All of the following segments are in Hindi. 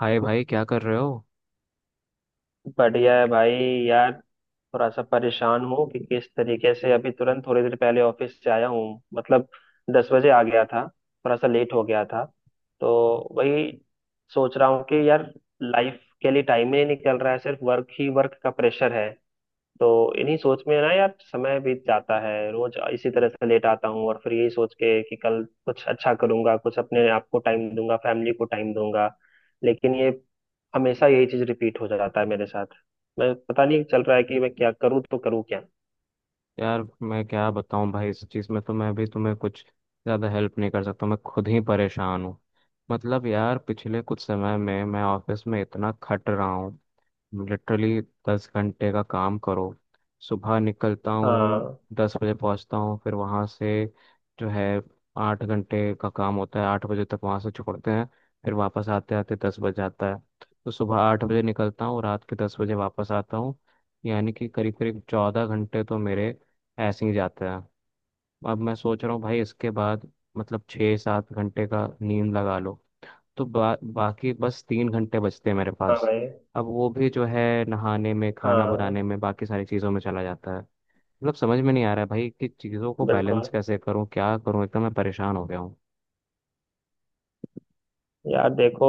हाय भाई, क्या कर रहे हो? बढ़िया है भाई। यार थोड़ा सा परेशान हूँ कि किस तरीके से अभी तुरंत थोड़ी देर पहले ऑफिस से आया हूँ मतलब 10 बजे आ गया था। थोड़ा सा लेट हो गया था तो वही सोच रहा हूँ कि यार लाइफ के लिए टाइम ही नहीं निकल रहा है, सिर्फ वर्क ही वर्क का प्रेशर है। तो इन्हीं सोच में ना यार समय बीत जाता है, रोज इसी तरह से लेट आता हूँ और फिर यही सोच के कि कल कुछ अच्छा करूंगा, कुछ अपने आप को टाइम दूंगा, फैमिली को टाइम दूंगा। लेकिन ये हमेशा यही चीज रिपीट हो जाता है मेरे साथ। मैं पता नहीं चल रहा है कि मैं क्या करूँ तो करूँ क्या। यार, मैं क्या बताऊं भाई। इस चीज़ में तो मैं भी तुम्हें कुछ ज़्यादा हेल्प नहीं कर सकता, मैं खुद ही परेशान हूँ। मतलब यार, पिछले कुछ समय में मैं ऑफिस में इतना खट रहा हूँ, लिटरली 10 घंटे का काम करो। सुबह निकलता हूँ, हाँ। 10 बजे पहुँचता हूँ, फिर वहाँ से जो है 8 घंटे का काम होता है, 8 बजे तक वहाँ से छोड़ते हैं। फिर वापस आते आते 10 बज जाता है। तो सुबह 8 बजे निकलता हूँ, रात के 10 बजे वापस आता हूँ, यानी कि करीब करीब 14 घंटे तो मेरे ऐसे ही जाते हैं। अब मैं सोच रहा हूँ भाई, इसके बाद मतलब 6-7 घंटे का नींद लगा लो, तो बाकी बस 3 घंटे बचते हैं मेरे हाँ पास। भाई। अब वो भी जो है नहाने में, खाना हाँ। बनाने में, बाकी सारी चीज़ों में चला जाता है। मतलब समझ में नहीं आ रहा है भाई कि चीज़ों को बैलेंस बिल्कुल। कैसे करूं, क्या करूं, एकदम मैं परेशान हो गया हूँ। यार देखो,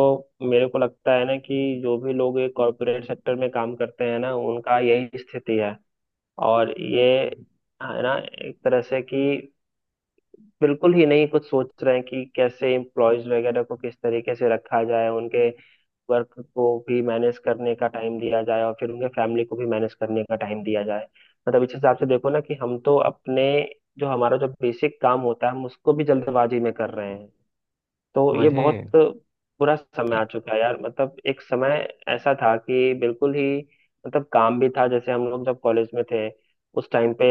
मेरे को लगता है ना कि जो भी लोग ये कॉरपोरेट सेक्टर में काम करते हैं ना उनका यही स्थिति है। और ये है ना, एक तरह से कि बिल्कुल ही नहीं कुछ सोच रहे हैं कि कैसे एम्प्लॉयज वगैरह को किस तरीके से रखा जाए, उनके वर्क को भी मैनेज करने का टाइम दिया जाए और फिर उनके फैमिली को भी मैनेज करने का टाइम दिया जाए। मतलब इस हिसाब से देखो ना कि हम तो अपने जो हमारा जो बेसिक काम होता है हम उसको भी जल्दबाजी में कर रहे हैं। तो ये बहुत वही, बुरा समय आ चुका है यार। मतलब एक समय ऐसा था कि बिल्कुल ही मतलब काम भी था, जैसे हम लोग जब कॉलेज में थे उस टाइम पे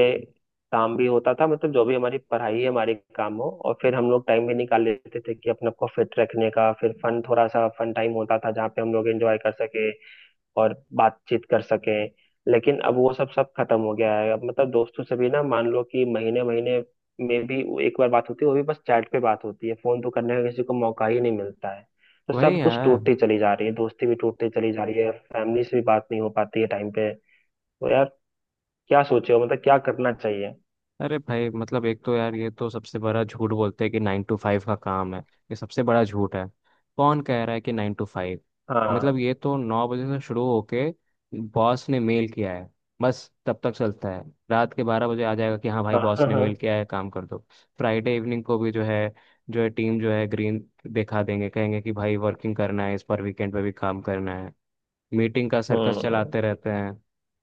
काम भी होता था, मतलब जो भी हमारी पढ़ाई है हमारे काम हो और फिर हम लोग टाइम भी निकाल लेते थे कि अपने आप को फिट रखने का, फिर फन थोड़ा सा फन टाइम होता था जहाँ पे हम लोग एंजॉय कर सके और बातचीत कर सके। लेकिन अब वो सब सब खत्म हो गया है। अब मतलब दोस्तों से भी ना मान लो कि महीने महीने में भी वो एक बार बात होती है, वो भी बस चैट पे बात होती है, फोन तो करने का किसी को मौका ही नहीं मिलता है। तो वही सब कुछ यार। टूटती चली जा रही है, दोस्ती भी टूटती चली जा रही है, फैमिली से भी बात नहीं हो पाती है टाइम पे। तो यार क्या सोचे हो, मतलब क्या करना चाहिए। अरे भाई, मतलब एक तो यार ये तो सबसे बड़ा झूठ बोलते हैं कि 9 टू 5 का काम है। ये सबसे बड़ा झूठ है। कौन कह रहा है कि 9 टू 5? मतलब हाँ ये तो 9 बजे से शुरू होके बॉस ने मेल किया है बस तब तक चलता है। रात के 12 बजे आ जाएगा कि हाँ भाई हाँ बॉस हाँ। ने हाँ। मेल किया है, काम कर दो। फ्राइडे इवनिंग को भी जो है टीम जो है ग्रीन दिखा देंगे, कहेंगे कि भाई वर्किंग करना है, इस पर वीकेंड पे भी काम करना है। मीटिंग का सर्कस हम्म। चलाते रहते हैं।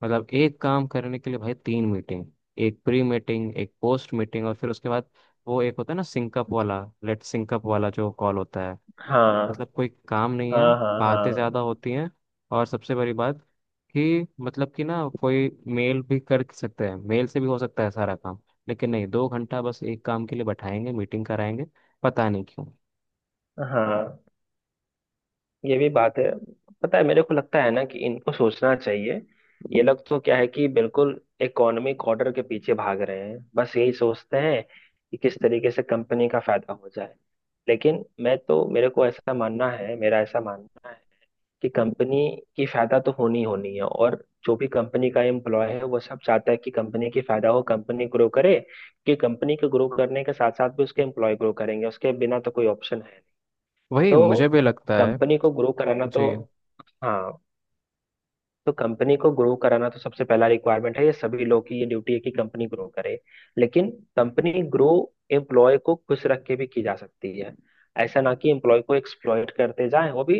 मतलब एक काम करने के लिए भाई 3 मीटिंग, एक प्री मीटिंग, एक पोस्ट मीटिंग, और फिर उसके बाद वो एक होता है ना सिंकअप वाला, लेट सिंकअप वाला जो कॉल होता है। हाँ मतलब कोई काम नहीं है, हाँ हाँ। बातें ज़्यादा हाँ। होती हैं। और सबसे बड़ी बात कि मतलब कि ना कोई मेल भी कर सकते हैं, मेल से भी हो सकता है सारा काम। लेकिन नहीं, 2 घंटा बस एक काम के लिए बैठाएंगे, मीटिंग कराएंगे, पता नहीं क्यों। हाँ ये भी बात है। पता है मेरे को लगता है ना कि इनको सोचना चाहिए। ये लोग तो क्या है कि बिल्कुल इकोनॉमिक ऑर्डर के पीछे भाग रहे हैं, बस यही सोचते हैं कि किस तरीके से कंपनी का फायदा हो जाए। लेकिन मैं तो, मेरे को ऐसा मानना है, मेरा ऐसा मानना है कि कंपनी की फायदा तो होनी ही होनी है, और जो भी कंपनी का एम्प्लॉय है वो सब चाहता है कि कंपनी की फायदा हो, कंपनी ग्रो करे। कि कंपनी को ग्रो करने के साथ साथ भी उसके एम्प्लॉय ग्रो करेंगे, उसके बिना तो कोई ऑप्शन है। वही, तो मुझे भी लगता है। कंपनी को ग्रो कराना तो, जी। हाँ, तो कंपनी को ग्रो कराना तो सबसे पहला रिक्वायरमेंट है, ये सभी लोग की ये ड्यूटी है कि कंपनी ग्रो करे। लेकिन कंपनी ग्रो एम्प्लॉय को खुश रख के भी की जा सकती है। ऐसा ना कि एम्प्लॉय को एक्सप्लॉइट करते जाएं, वो भी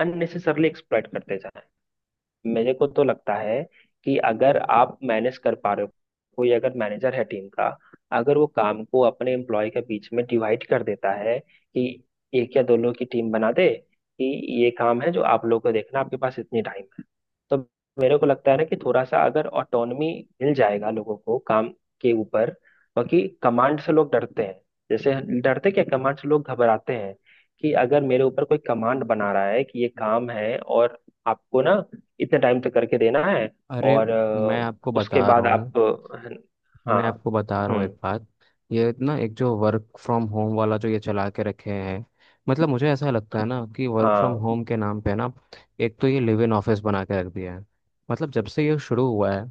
अननेसेसरली एक्सप्लॉइट करते जाएं। मेरे को तो लगता है कि अगर आप मैनेज कर पा रहे हो, कोई अगर मैनेजर है टीम का, अगर वो काम को अपने एम्प्लॉय के बीच में डिवाइड कर देता है कि एक या दो लोग की टीम बना दे कि ये काम है जो आप लोगों को देखना, आपके पास इतनी टाइम है, तो मेरे को लगता है ना कि थोड़ा सा अगर ऑटोनमी मिल जाएगा लोगों को काम के ऊपर। बाकी कमांड से लोग डरते हैं, जैसे डरते क्या, कमांड से लोग घबराते हैं कि अगर मेरे ऊपर कोई कमांड बना रहा है कि ये काम है और आपको ना इतने टाइम तक करके देना है। अरे, और मैं आपको उसके बता रहा बाद आप हूँ, हाँ। मैं आपको बता रहा हूँ हम्म। एक बात। ये ना एक जो वर्क फ्रॉम होम वाला जो ये चला के रखे हैं, मतलब मुझे ऐसा लगता है ना कि वर्क फ्रॉम हाँ। होम के नाम पे ना एक तो ये लिव इन ऑफिस बना के रख दिया है। मतलब जब से ये शुरू हुआ है,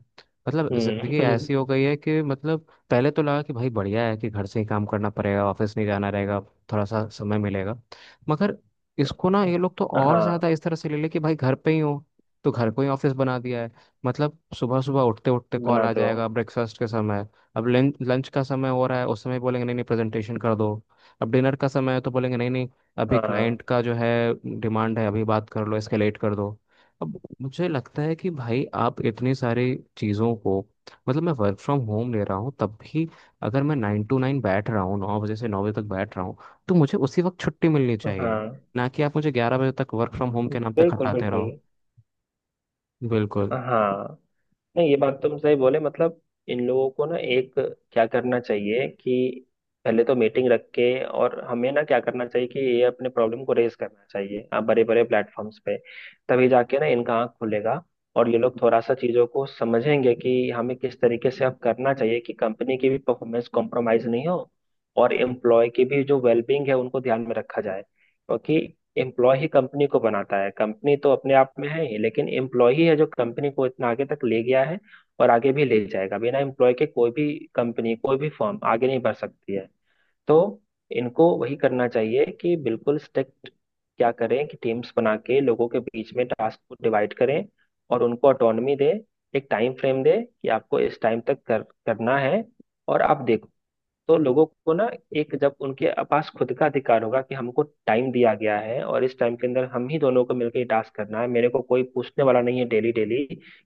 मतलब जिंदगी हम्म। ऐसी हो गई है कि मतलब पहले तो लगा कि भाई बढ़िया है कि घर से ही काम करना पड़ेगा, ऑफिस नहीं जाना रहेगा, थोड़ा सा समय मिलेगा। मगर इसको ना ये लोग तो और हाँ ज्यादा इस तरह से ले ले कि भाई घर पे ही हो, तो घर को ही ऑफिस बना दिया है। मतलब सुबह सुबह उठते उठते कॉल आ बनाते हो। जाएगा ब्रेकफास्ट के समय। अब लंच लंच का समय हो रहा है, उस समय बोलेंगे नहीं नहीं प्रेजेंटेशन कर दो। अब डिनर का समय है तो बोलेंगे नहीं नहीं, अभी हाँ क्लाइंट का जो है डिमांड है, अभी बात कर लो, इसके लेट कर दो। अब मुझे लगता है कि भाई आप इतनी सारी चीज़ों को, मतलब मैं वर्क फ्रॉम होम ले रहा हूँ तब भी, अगर मैं 9 टू 9 बैठ रहा हूँ, 9 बजे से 9 बजे तक बैठ रहा हूँ, तो मुझे उसी वक्त छुट्टी मिलनी चाहिए। हाँ। ना कि आप मुझे 11 बजे तक वर्क फ्रॉम होम के नाम पे बिल्कुल खटाते बिल्कुल। रहो। बिल्कुल। हाँ। नहीं ये बात तुम सही बोले, मतलब इन लोगों को ना एक क्या करना चाहिए कि पहले तो मीटिंग रख के, और हमें ना क्या करना चाहिए कि ये अपने प्रॉब्लम को रेज करना चाहिए आप बड़े बड़े प्लेटफॉर्म्स पे, तभी जाके ना इनका आँख खुलेगा और ये लोग थोड़ा सा चीजों को समझेंगे कि हमें किस तरीके से अब करना चाहिए कि कंपनी की भी परफॉर्मेंस कॉम्प्रोमाइज नहीं हो और एम्प्लॉय की भी जो वेलबींग है उनको ध्यान में रखा जाए। एम्प्लॉय ही कंपनी को बनाता है, कंपनी तो अपने आप में है ही, लेकिन एम्प्लॉय ही है जो कंपनी को इतना आगे तक ले गया है और आगे भी ले जाएगा, बिना एम्प्लॉय के कोई भी कंपनी कोई भी फर्म आगे नहीं बढ़ सकती है। तो इनको वही करना चाहिए कि बिल्कुल स्ट्रिक्ट, क्या करें कि टीम्स बना के लोगों के बीच में टास्क को डिवाइड करें और उनको ऑटोनमी दें, एक टाइम फ्रेम दें कि आपको इस टाइम तक करना है। और आप देखो तो लोगों को ना, एक जब उनके पास खुद का अधिकार होगा कि हमको टाइम दिया गया है और इस टाइम के अंदर हम ही दोनों को मिलकर ये टास्क करना है, मेरे को कोई पूछने वाला नहीं है डेली डेली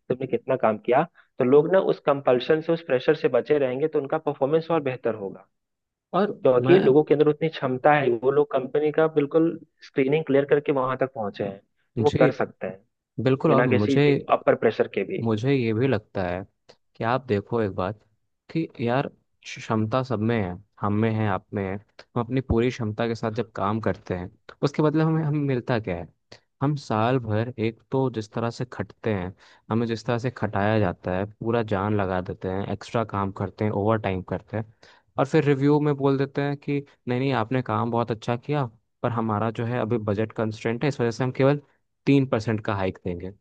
तुमने कितना काम किया, तो लोग ना उस कंपल्शन से उस प्रेशर से बचे रहेंगे तो उनका परफॉर्मेंस और बेहतर होगा, और क्योंकि मैं, लोगों के अंदर उतनी क्षमता है। वो लोग कंपनी का बिल्कुल स्क्रीनिंग क्लियर करके वहां तक पहुंचे हैं तो वो जी कर सकते हैं बिल्कुल। और बिना मुझे किसी अपर प्रेशर के भी। मुझे ये भी लगता है कि आप देखो एक बात कि यार, क्षमता सब में है, हम में है, आप में है। हम अपनी पूरी क्षमता के साथ जब काम करते हैं, उसके बदले हमें हमें मिलता क्या है? हम साल भर एक तो जिस तरह से खटते हैं, हमें जिस तरह से खटाया जाता है, पूरा जान लगा देते हैं, एक्स्ट्रा काम करते हैं, ओवर टाइम करते हैं। और फिर रिव्यू में बोल देते हैं कि नहीं नहीं आपने काम बहुत अच्छा किया, पर हमारा जो है अभी बजट कंस्ट्रेंट है, इस वजह से हम केवल 3% का हाइक देंगे।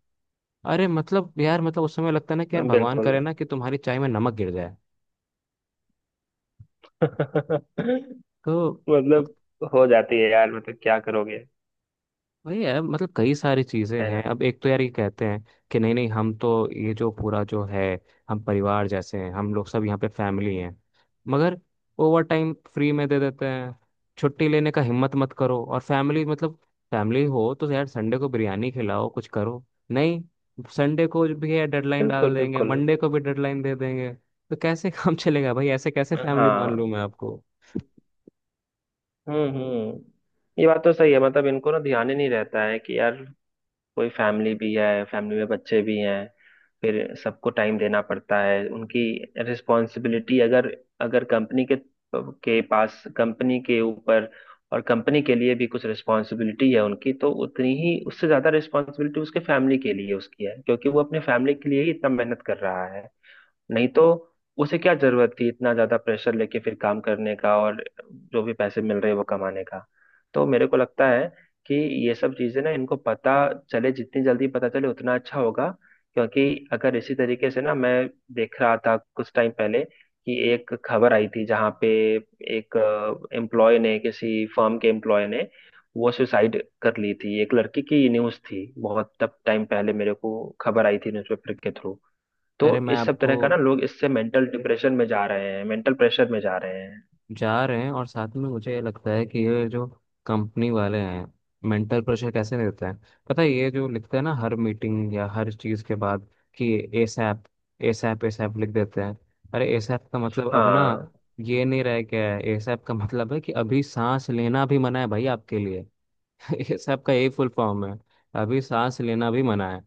अरे मतलब यार, मतलब उस समय लगता है ना कि यार हाँ, भगवान बिल्कुल। करे ना कि तुम्हारी चाय में नमक गिर जाए। तो मतलब हो जाती है यार, मतलब क्या करोगे। वही है, मतलब कई सारी चीजें है हैं। ना। अब एक तो यार ये कहते हैं कि नहीं नहीं हम तो ये जो पूरा जो है हम परिवार जैसे हैं, हम लोग सब यहाँ पे फैमिली हैं। मगर ओवर टाइम फ्री में दे देते हैं, छुट्टी लेने का हिम्मत मत करो। और फैमिली मतलब, फैमिली हो तो यार संडे को बिरयानी खिलाओ, कुछ करो। नहीं, संडे को भी है डेडलाइन बिल्कुल डाल देंगे, बिल्कुल। मंडे को भी डेडलाइन दे देंगे, तो कैसे काम चलेगा भाई? ऐसे कैसे फैमिली मान लूं हाँ। मैं आपको? हम्म। ये बात तो सही है, मतलब इनको ना ध्यान ही नहीं रहता है कि यार कोई फैमिली भी है, फैमिली में बच्चे भी हैं, फिर सबको टाइम देना पड़ता है। उनकी रिस्पॉन्सिबिलिटी अगर, अगर कंपनी के पास, कंपनी के ऊपर और कंपनी के लिए भी कुछ रिस्पॉन्सिबिलिटी है उनकी, तो उतनी ही उससे ज्यादा रिस्पॉन्सिबिलिटी उसके फैमिली के लिए उसकी है, क्योंकि वो अपने फैमिली के लिए ही इतना मेहनत कर रहा है। नहीं तो उसे क्या जरूरत थी इतना ज्यादा प्रेशर लेके फिर काम करने का और जो भी पैसे मिल रहे हैं वो कमाने का। तो मेरे को लगता है कि ये सब चीजें ना इनको पता चले, जितनी जल्दी पता चले उतना अच्छा होगा। क्योंकि अगर इसी तरीके से ना, मैं देख रहा था कुछ टाइम पहले कि एक खबर आई थी जहाँ पे एक एम्प्लॉय ने, किसी फर्म के एम्प्लॉय ने वो सुसाइड कर ली थी, एक लड़की की न्यूज़ थी, बहुत तब टाइम पहले मेरे को खबर आई थी न्यूज़पेपर के थ्रू। तो अरे मैं इस सब आपको तरह का ना लोग इससे मेंटल डिप्रेशन में जा रहे हैं, मेंटल प्रेशर में जा रहे हैं। जा रहे हैं, और साथ में मुझे ये लगता है कि ये जो कंपनी वाले हैं, मेंटल प्रेशर कैसे देते हैं, पता है? ये जो लिखते हैं ना हर मीटिंग या हर चीज़ के बाद कि एसएप एसएप एसएप लिख देते हैं। अरे एसएप का मतलब अब ना हाँ। ये नहीं रह गया है। एसएप का मतलब है कि अभी सांस लेना भी मना है भाई आपके लिए। एसएप का यही फुल फॉर्म है, अभी सांस लेना भी मना है।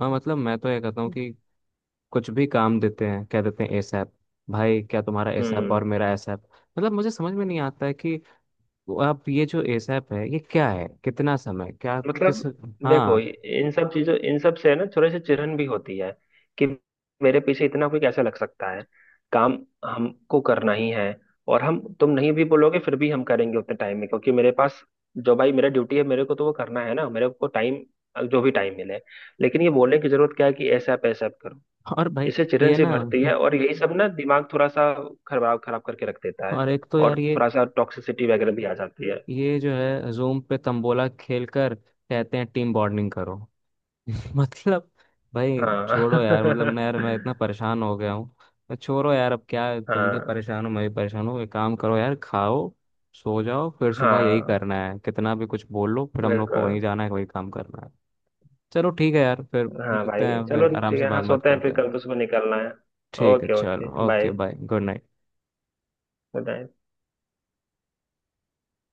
हाँ, मतलब मैं तो ये कहता हूँ कि कुछ भी काम देते हैं कह देते हैं एसएप। भाई, क्या तुम्हारा एसएप हम्म। और मेरा एसएप? मतलब मुझे समझ में नहीं आता है कि वो आप ये जो एसएप है ये क्या है, कितना समय, क्या, किस? मतलब देखो हाँ। ये- इन सब चीजों इन सब से है ना थोड़ी सी चिढ़न भी होती है कि मेरे पीछे इतना कोई कैसे लग सकता है। काम हमको करना ही है, और हम तुम नहीं भी बोलोगे फिर भी हम करेंगे उतने टाइम में, क्योंकि मेरे पास जो भाई मेरा ड्यूटी है मेरे को तो वो करना है ना, मेरे को टाइम, जो भी टाइम मिले। लेकिन ये बोलने की जरूरत क्या है कि ऐसा आप करो। और भाई इसे चिड़न ये से ना, बढ़ती है और यही सब ना दिमाग थोड़ा सा खराब खराब करके रख देता और है एक तो और यार ये थोड़ा सा टॉक्सिसिटी वगैरह भी आ जाती है। ये जो है जूम पे तंबोला खेलकर कहते हैं टीम बॉन्डिंग करो। मतलब भाई छोड़ो यार, मतलब हाँ। ना यार मैं इतना परेशान हो गया हूँ। मैं छोड़ो यार, अब क्या है, तुम भी हाँ परेशान हो, मैं भी परेशान हूँ। एक काम करो यार, खाओ, सो जाओ। फिर सुबह यही हाँ। करना है, कितना भी कुछ बोल लो फिर हम लोग को बिल्कुल। वहीं जाना है, वही काम करना है। चलो ठीक है यार, फिर हाँ मिलते भाई हैं, फिर चलो आराम ठीक से है, हाँ बात बात सोते हैं करते फिर कल हैं। तो सुबह निकलना है। ठीक है, ओके चलो, okay okay bye bye, good night. Good night.